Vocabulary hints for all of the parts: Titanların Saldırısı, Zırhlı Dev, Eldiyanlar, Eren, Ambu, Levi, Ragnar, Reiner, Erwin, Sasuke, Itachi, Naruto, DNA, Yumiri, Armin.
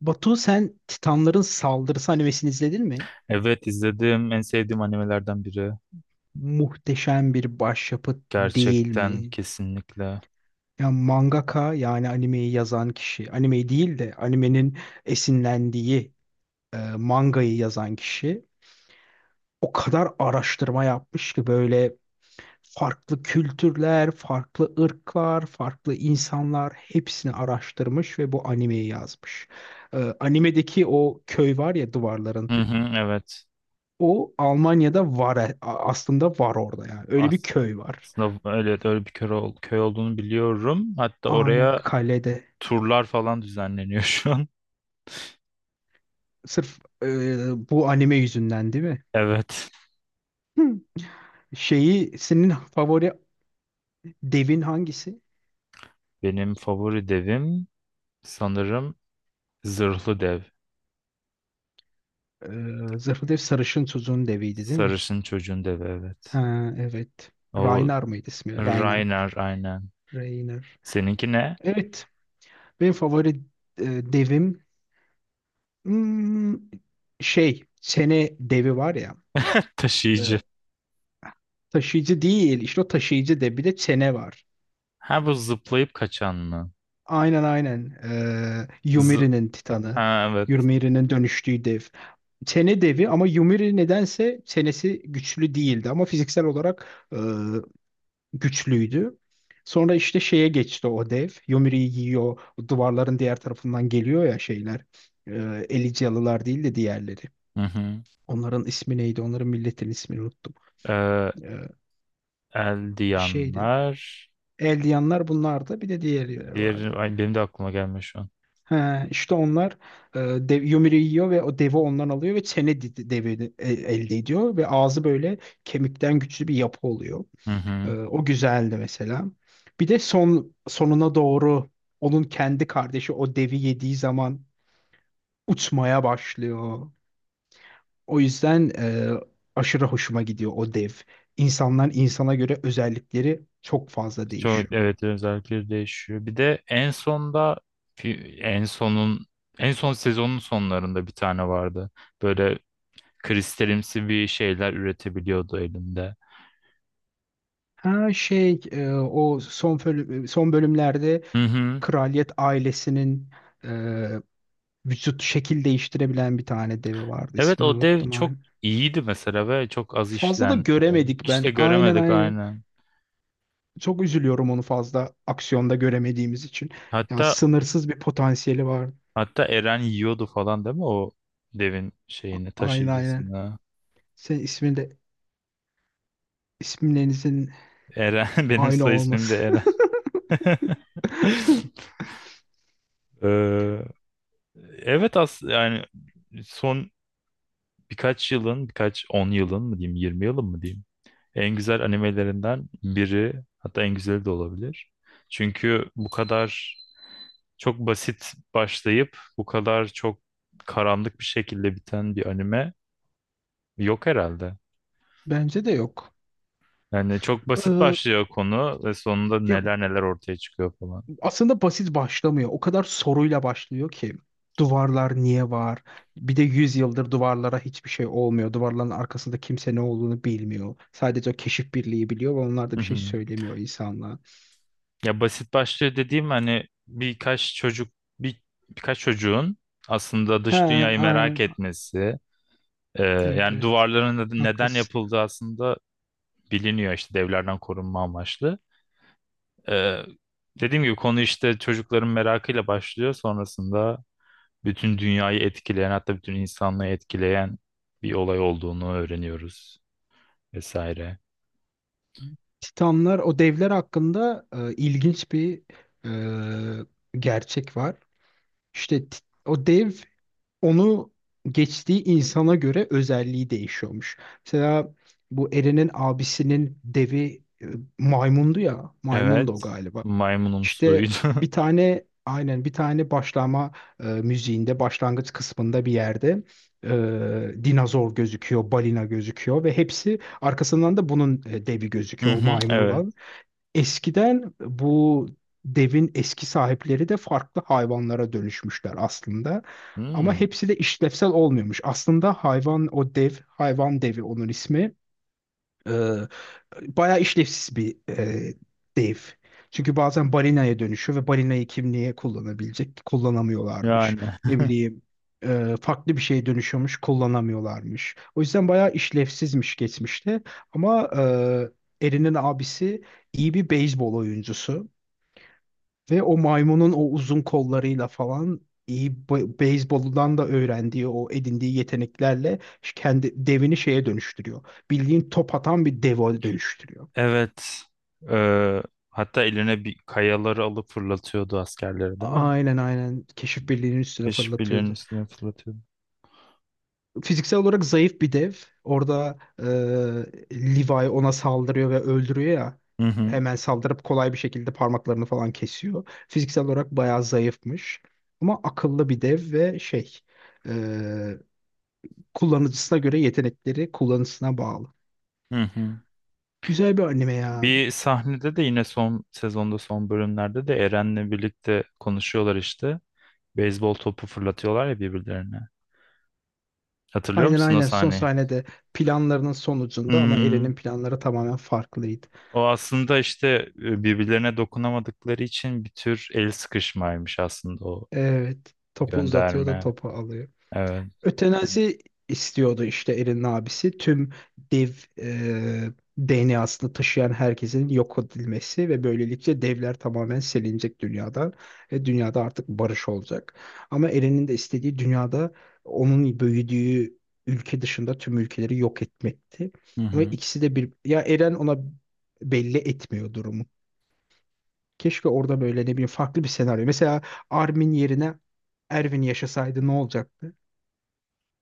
Batu, sen Titanların Saldırısı animesini izledin mi? Evet, izledim. En sevdiğim animelerden biri. Muhteşem bir başyapıt değil Gerçekten, mi? kesinlikle. Ya mangaka yani animeyi yazan kişi, animeyi değil de animenin esinlendiği mangayı yazan kişi o kadar araştırma yapmış ki böyle farklı kültürler, farklı ırklar, farklı insanlar hepsini araştırmış ve bu animeyi yazmış. Animedeki o köy var ya duvarların. Hı hı, evet. O Almanya'da var, aslında var orada yani. Öyle bir As- köy var. Aslında öyle, öyle bir köy, köy olduğunu biliyorum. Hatta Aynen oraya kalede. turlar falan düzenleniyor şu an. Sırf bu anime yüzünden değil mi? Evet. Hı. Şeyi, senin favori devin hangisi? Benim favori devim sanırım Zırhlı Dev. E, Zırhlı Dev Sarışın tuzun deviydi değil mi? Sarışın çocuğun devi, evet. Ha, evet. O Ragnar mıydı ismi? Ragnar. Reiner, aynen. Ragnar. Seninki ne? Evet. Benim favori e, devim, hmm, şey, çene devi var ya. E, Taşıyıcı. Taşıyıcı değil. İşte o taşıyıcı devi de Çene var. Ha, bu zıplayıp kaçan mı? Aynen aynen. Zı- Yumiri'nin ha, Titanı. evet. Yumiri'nin dönüştüğü dev. Sene devi ama Yumiri nedense senesi güçlü değildi ama fiziksel olarak güçlüydü. Sonra işte şeye geçti o dev. Yumiri'yi yiyor. O duvarların diğer tarafından geliyor ya şeyler. E, Elysialılar değil de diğerleri. Hı hı. Onların ismi neydi? Onların milletin ismini unuttum. Ee, E, Bir şeydi. Eldiyanlar. Eldiyanlar bunlardı. Bir de diğerleri vardı. Diğer, ay, benim de aklıma gelmiyor şu an. He, işte onlar e, dev, Yumru'yu yiyor ve o devi ondan alıyor ve çene devi elde ediyor ve ağzı böyle kemikten güçlü bir yapı oluyor. Hı hı. O güzeldi mesela. Bir de son sonuna doğru onun kendi kardeşi o devi yediği zaman uçmaya başlıyor. O yüzden aşırı hoşuma gidiyor o dev. İnsanlar, insana göre özellikleri çok fazla Çok, değişiyor. evet, özellikleri değişiyor. Bir de en sonda, en en son sezonun sonlarında bir tane vardı. Böyle kristalimsi bir şeyler üretebiliyordu elinde. Ha şey, o son bölümlerde Hı hı. kraliyet ailesinin e, vücut şekil değiştirebilen bir tane devi vardı. Evet, İsmini o dev unuttum. çok iyiydi mesela ve çok az Fazla da işlendi. göremedik Hiç de ben. Aynen göremedik, aynen. aynen. Çok üzülüyorum onu fazla aksiyonda göremediğimiz için. Ya Hatta, sınırsız bir potansiyeli var. hatta Eren yiyordu falan değil mi o devin şeyini, Aynen aynen. taşıyıcısını. Senin ismin de, isimlerinizin Eren, benim aynı soy ismim de olması. Eren. Ee, evet, as yani son birkaç yılın, birkaç on yılın mı diyeyim, 20 yılın mı diyeyim. En güzel animelerinden biri, hatta en güzeli de olabilir. Çünkü bu kadar çok basit başlayıp bu kadar çok karanlık bir şekilde biten bir anime yok herhalde. Bence de yok. Yani çok basit Ee, başlıyor konu ve sonunda Ya neler neler ortaya çıkıyor falan. aslında basit başlamıyor. O kadar soruyla başlıyor ki. Duvarlar niye var? Bir de 100 yıldır duvarlara hiçbir şey olmuyor. Duvarların arkasında kimse ne olduğunu bilmiyor. Sadece o keşif birliği biliyor ve onlar da bir şey söylemiyor insanlığa. Ya, basit başlıyor dediğim, hani birkaç çocuk, bir, birkaç çocuğun aslında He, dış dünyayı merak aynen. etmesi, Evet yani evet, duvarların neden haklısın. yapıldığı aslında biliniyor işte, devlerden korunma amaçlı. E, Dediğim gibi konu işte çocukların merakıyla başlıyor, sonrasında bütün dünyayı etkileyen, hatta bütün insanlığı etkileyen bir olay olduğunu öğreniyoruz vesaire. Titanlar, o devler hakkında ilginç bir gerçek var. İşte o dev, onu geçtiği insana göre özelliği değişiyormuş. Mesela bu Eren'in abisinin devi maymundu ya. Maymundu Evet, o galiba. maymunumsuydu. İşte bir tane başlama müziğinde başlangıç kısmında bir yerde dinozor gözüküyor, balina gözüküyor ve hepsi arkasından da bunun devi Hı gözüküyor, o hı, maymun evet. olan. Eskiden bu devin eski sahipleri de farklı hayvanlara dönüşmüşler aslında. Ama Hmm. hepsi de işlevsel olmuyormuş. Aslında hayvan o dev, hayvan devi onun ismi, bayağı işlevsiz bir dev. Çünkü bazen balinaya dönüşüyor ve balinayı kim niye kullanabilecek? Kullanamıyorlarmış. Yani Ne bileyim, farklı bir şeye dönüşüyormuş, kullanamıyorlarmış. O yüzden bayağı işlevsizmiş geçmişte. Ama Erin'in abisi iyi bir beyzbol oyuncusu. Ve o maymunun o uzun kollarıyla falan iyi, beyzboldan da öğrendiği o edindiği yeteneklerle kendi devini şeye dönüştürüyor. Bildiğin top atan bir deve dönüştürüyor. evet. Ee, hatta eline bir kayaları alıp fırlatıyordu askerleri, değil mi? Aynen aynen, keşif birliğinin üstüne Keşifçilerin fırlatıyordu. üstüne fırlatıyordu. Fiziksel olarak zayıf bir dev. Orada Levi ona saldırıyor ve öldürüyor ya. Hı hı. Hemen saldırıp kolay bir şekilde parmaklarını falan kesiyor. Fiziksel olarak bayağı zayıfmış. Ama akıllı bir dev ve şey, e, kullanıcısına göre yetenekleri, kullanıcısına bağlı. Hı hı. Güzel bir anime ya. Bir sahnede de yine son sezonda, son bölümlerde de Eren'le birlikte konuşuyorlar işte. Beyzbol topu fırlatıyorlar ya birbirlerine. Hatırlıyor Aynen musun o aynen, son sahneyi? sahnede planlarının sonucunda ama Hmm. Eren'in planları tamamen farklıydı. O aslında işte, birbirlerine dokunamadıkları için bir tür el sıkışmaymış aslında o Evet, topu uzatıyor da gönderme. topu alıyor. Evet. Ötenazi istiyordu işte Erin'in abisi. Tüm dev e, DNA'sını taşıyan herkesin yok edilmesi ve böylelikle devler tamamen silinecek dünyada ve dünyada artık barış olacak. Ama Erin'in de istediği, dünyada onun büyüdüğü ülke dışında tüm ülkeleri yok etmekti. Hı Ve hı. ikisi de bir ya, Eren ona belli etmiyor durumu. Keşke orada böyle ne bileyim farklı bir senaryo. Mesela Armin yerine Erwin yaşasaydı ne olacaktı?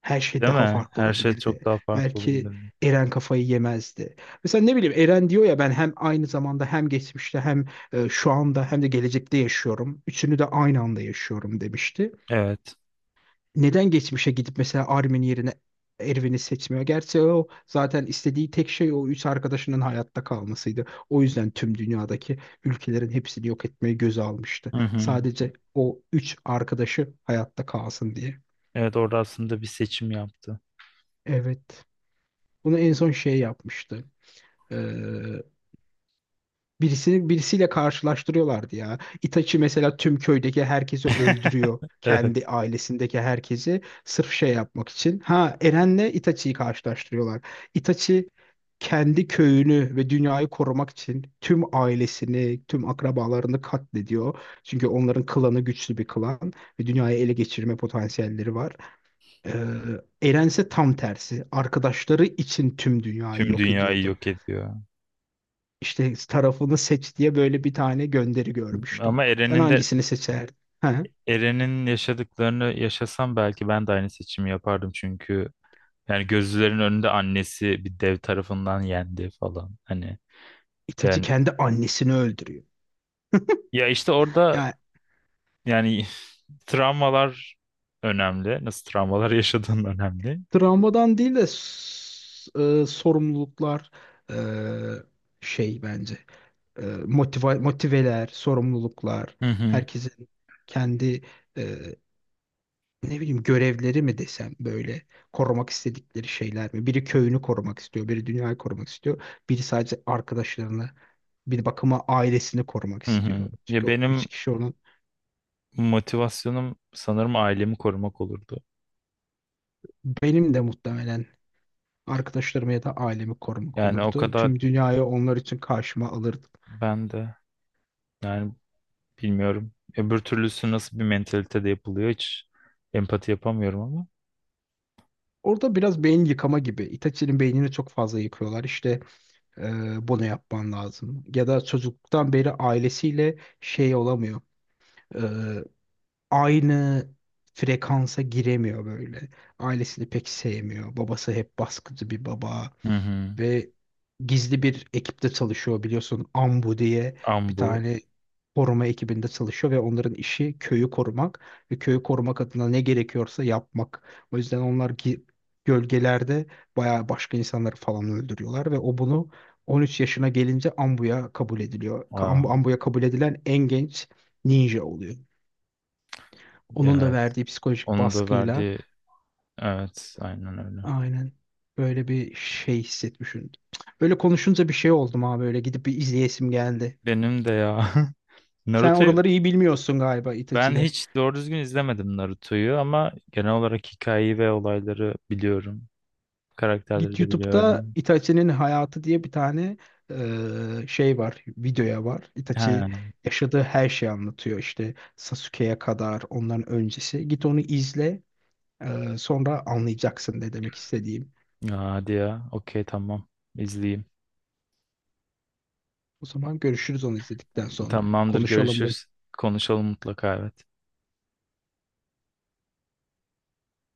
Her şey Değil daha mi? farklı Her şey çok olabilirdi. daha farklı Belki olabilirdi. Eren kafayı yemezdi. Mesela ne bileyim, Eren diyor ya, ben hem aynı zamanda hem geçmişte hem şu anda hem de gelecekte yaşıyorum. Üçünü de aynı anda yaşıyorum demişti. Evet. Neden geçmişe gidip mesela Armin yerine Erwin'i seçmiyor? Gerçi o zaten istediği tek şey o üç arkadaşının hayatta kalmasıydı. O yüzden tüm dünyadaki ülkelerin hepsini yok etmeyi göze almıştı. Hı hı. Sadece o üç arkadaşı hayatta kalsın diye. Evet, orada aslında bir seçim yaptı. Evet. Bunu en son şey yapmıştı. Ee, Birisini birisiyle karşılaştırıyorlardı ya. Itachi mesela tüm köydeki herkesi öldürüyor. Evet. Kendi ailesindeki herkesi sırf şey yapmak için. Ha, Eren'le Itachi'yi karşılaştırıyorlar. Itachi kendi köyünü ve dünyayı korumak için tüm ailesini, tüm akrabalarını katlediyor. Çünkü onların klanı güçlü bir klan ve dünyayı ele geçirme potansiyelleri var. Ee, Eren ise tam tersi. Arkadaşları için tüm dünyayı Tüm yok dünyayı ediyordu. yok ediyor. İşte tarafını seç diye böyle bir tane gönderi görmüştüm. Ama Sen Eren'in de hangisini seçerdin? Ha? Eren'in yaşadıklarını yaşasam belki ben de aynı seçimi yapardım, çünkü yani gözlerin önünde annesi bir dev tarafından yendi falan. Hani Itachi yani, kendi annesini öldürüyor. ya işte orada Yani yani travmalar önemli. Nasıl travmalar yaşadığın önemli. travmadan değil de sorumluluklar, e, şey bence e, motiva- motiveler, sorumluluklar, Hı hı. herkesin kendi e, ne bileyim görevleri mi desem, böyle korumak istedikleri şeyler mi? Biri köyünü korumak istiyor, biri dünyayı korumak istiyor, biri sadece arkadaşlarını, bir bakıma ailesini korumak Hı hı. istiyor. Ya Çünkü o benim üç kişi onun. motivasyonum sanırım ailemi korumak olurdu. Benim de muhtemelen arkadaşlarımı ya da ailemi korumak Yani o olurdu. kadar, Tüm dünyayı onlar için karşıma alırdım. ben de yani bilmiyorum. Öbür türlüsü nasıl bir mentalitede yapılıyor, hiç empati yapamıyorum ama. Orada biraz beyin yıkama gibi. Itachi'nin beynini çok fazla yıkıyorlar. İşte bunu yapman lazım. Ya da çocukluktan beri ailesiyle şey olamıyor, aynı frekansa giremiyor böyle. Ailesini pek sevmiyor. Babası hep baskıcı bir baba Hı hı. ve gizli bir ekipte çalışıyor, biliyorsun. Ambu diye bir Ambu. tane koruma ekibinde çalışıyor ve onların işi köyü korumak ve köyü korumak adına ne gerekiyorsa yapmak. O yüzden onlar gölgelerde bayağı başka insanları falan öldürüyorlar ve o bunu 13 yaşına gelince Ambu'ya kabul ediliyor. Aa, Ambu'ya kabul edilen en genç ninja oluyor. Onun da evet. verdiği psikolojik Onun da baskıyla verdiği evet, aynen öyle. aynen böyle bir şey hissetmişim. Böyle konuşunca bir şey oldum abi, böyle gidip bir izleyesim geldi. Benim de ya Sen Naruto'yu oraları iyi bilmiyorsun galiba ben Itachi'de. hiç doğru düzgün izlemedim Naruto'yu ama genel olarak hikayeyi ve olayları biliyorum. Karakterleri Git de YouTube'da biliyorum. Itachi'nin hayatı diye bir tane şey var, videoya var. Itachi Ha, yaşadığı her şeyi anlatıyor, işte Sasuke'ye kadar onların öncesi. Git onu izle, sonra anlayacaksın ne demek istediğim. hadi ya. Okey, tamam. İzleyeyim. O zaman görüşürüz onu izledikten sonra. Tamamdır, Konuşalım bunu. görüşürüz. Konuşalım mutlaka, evet.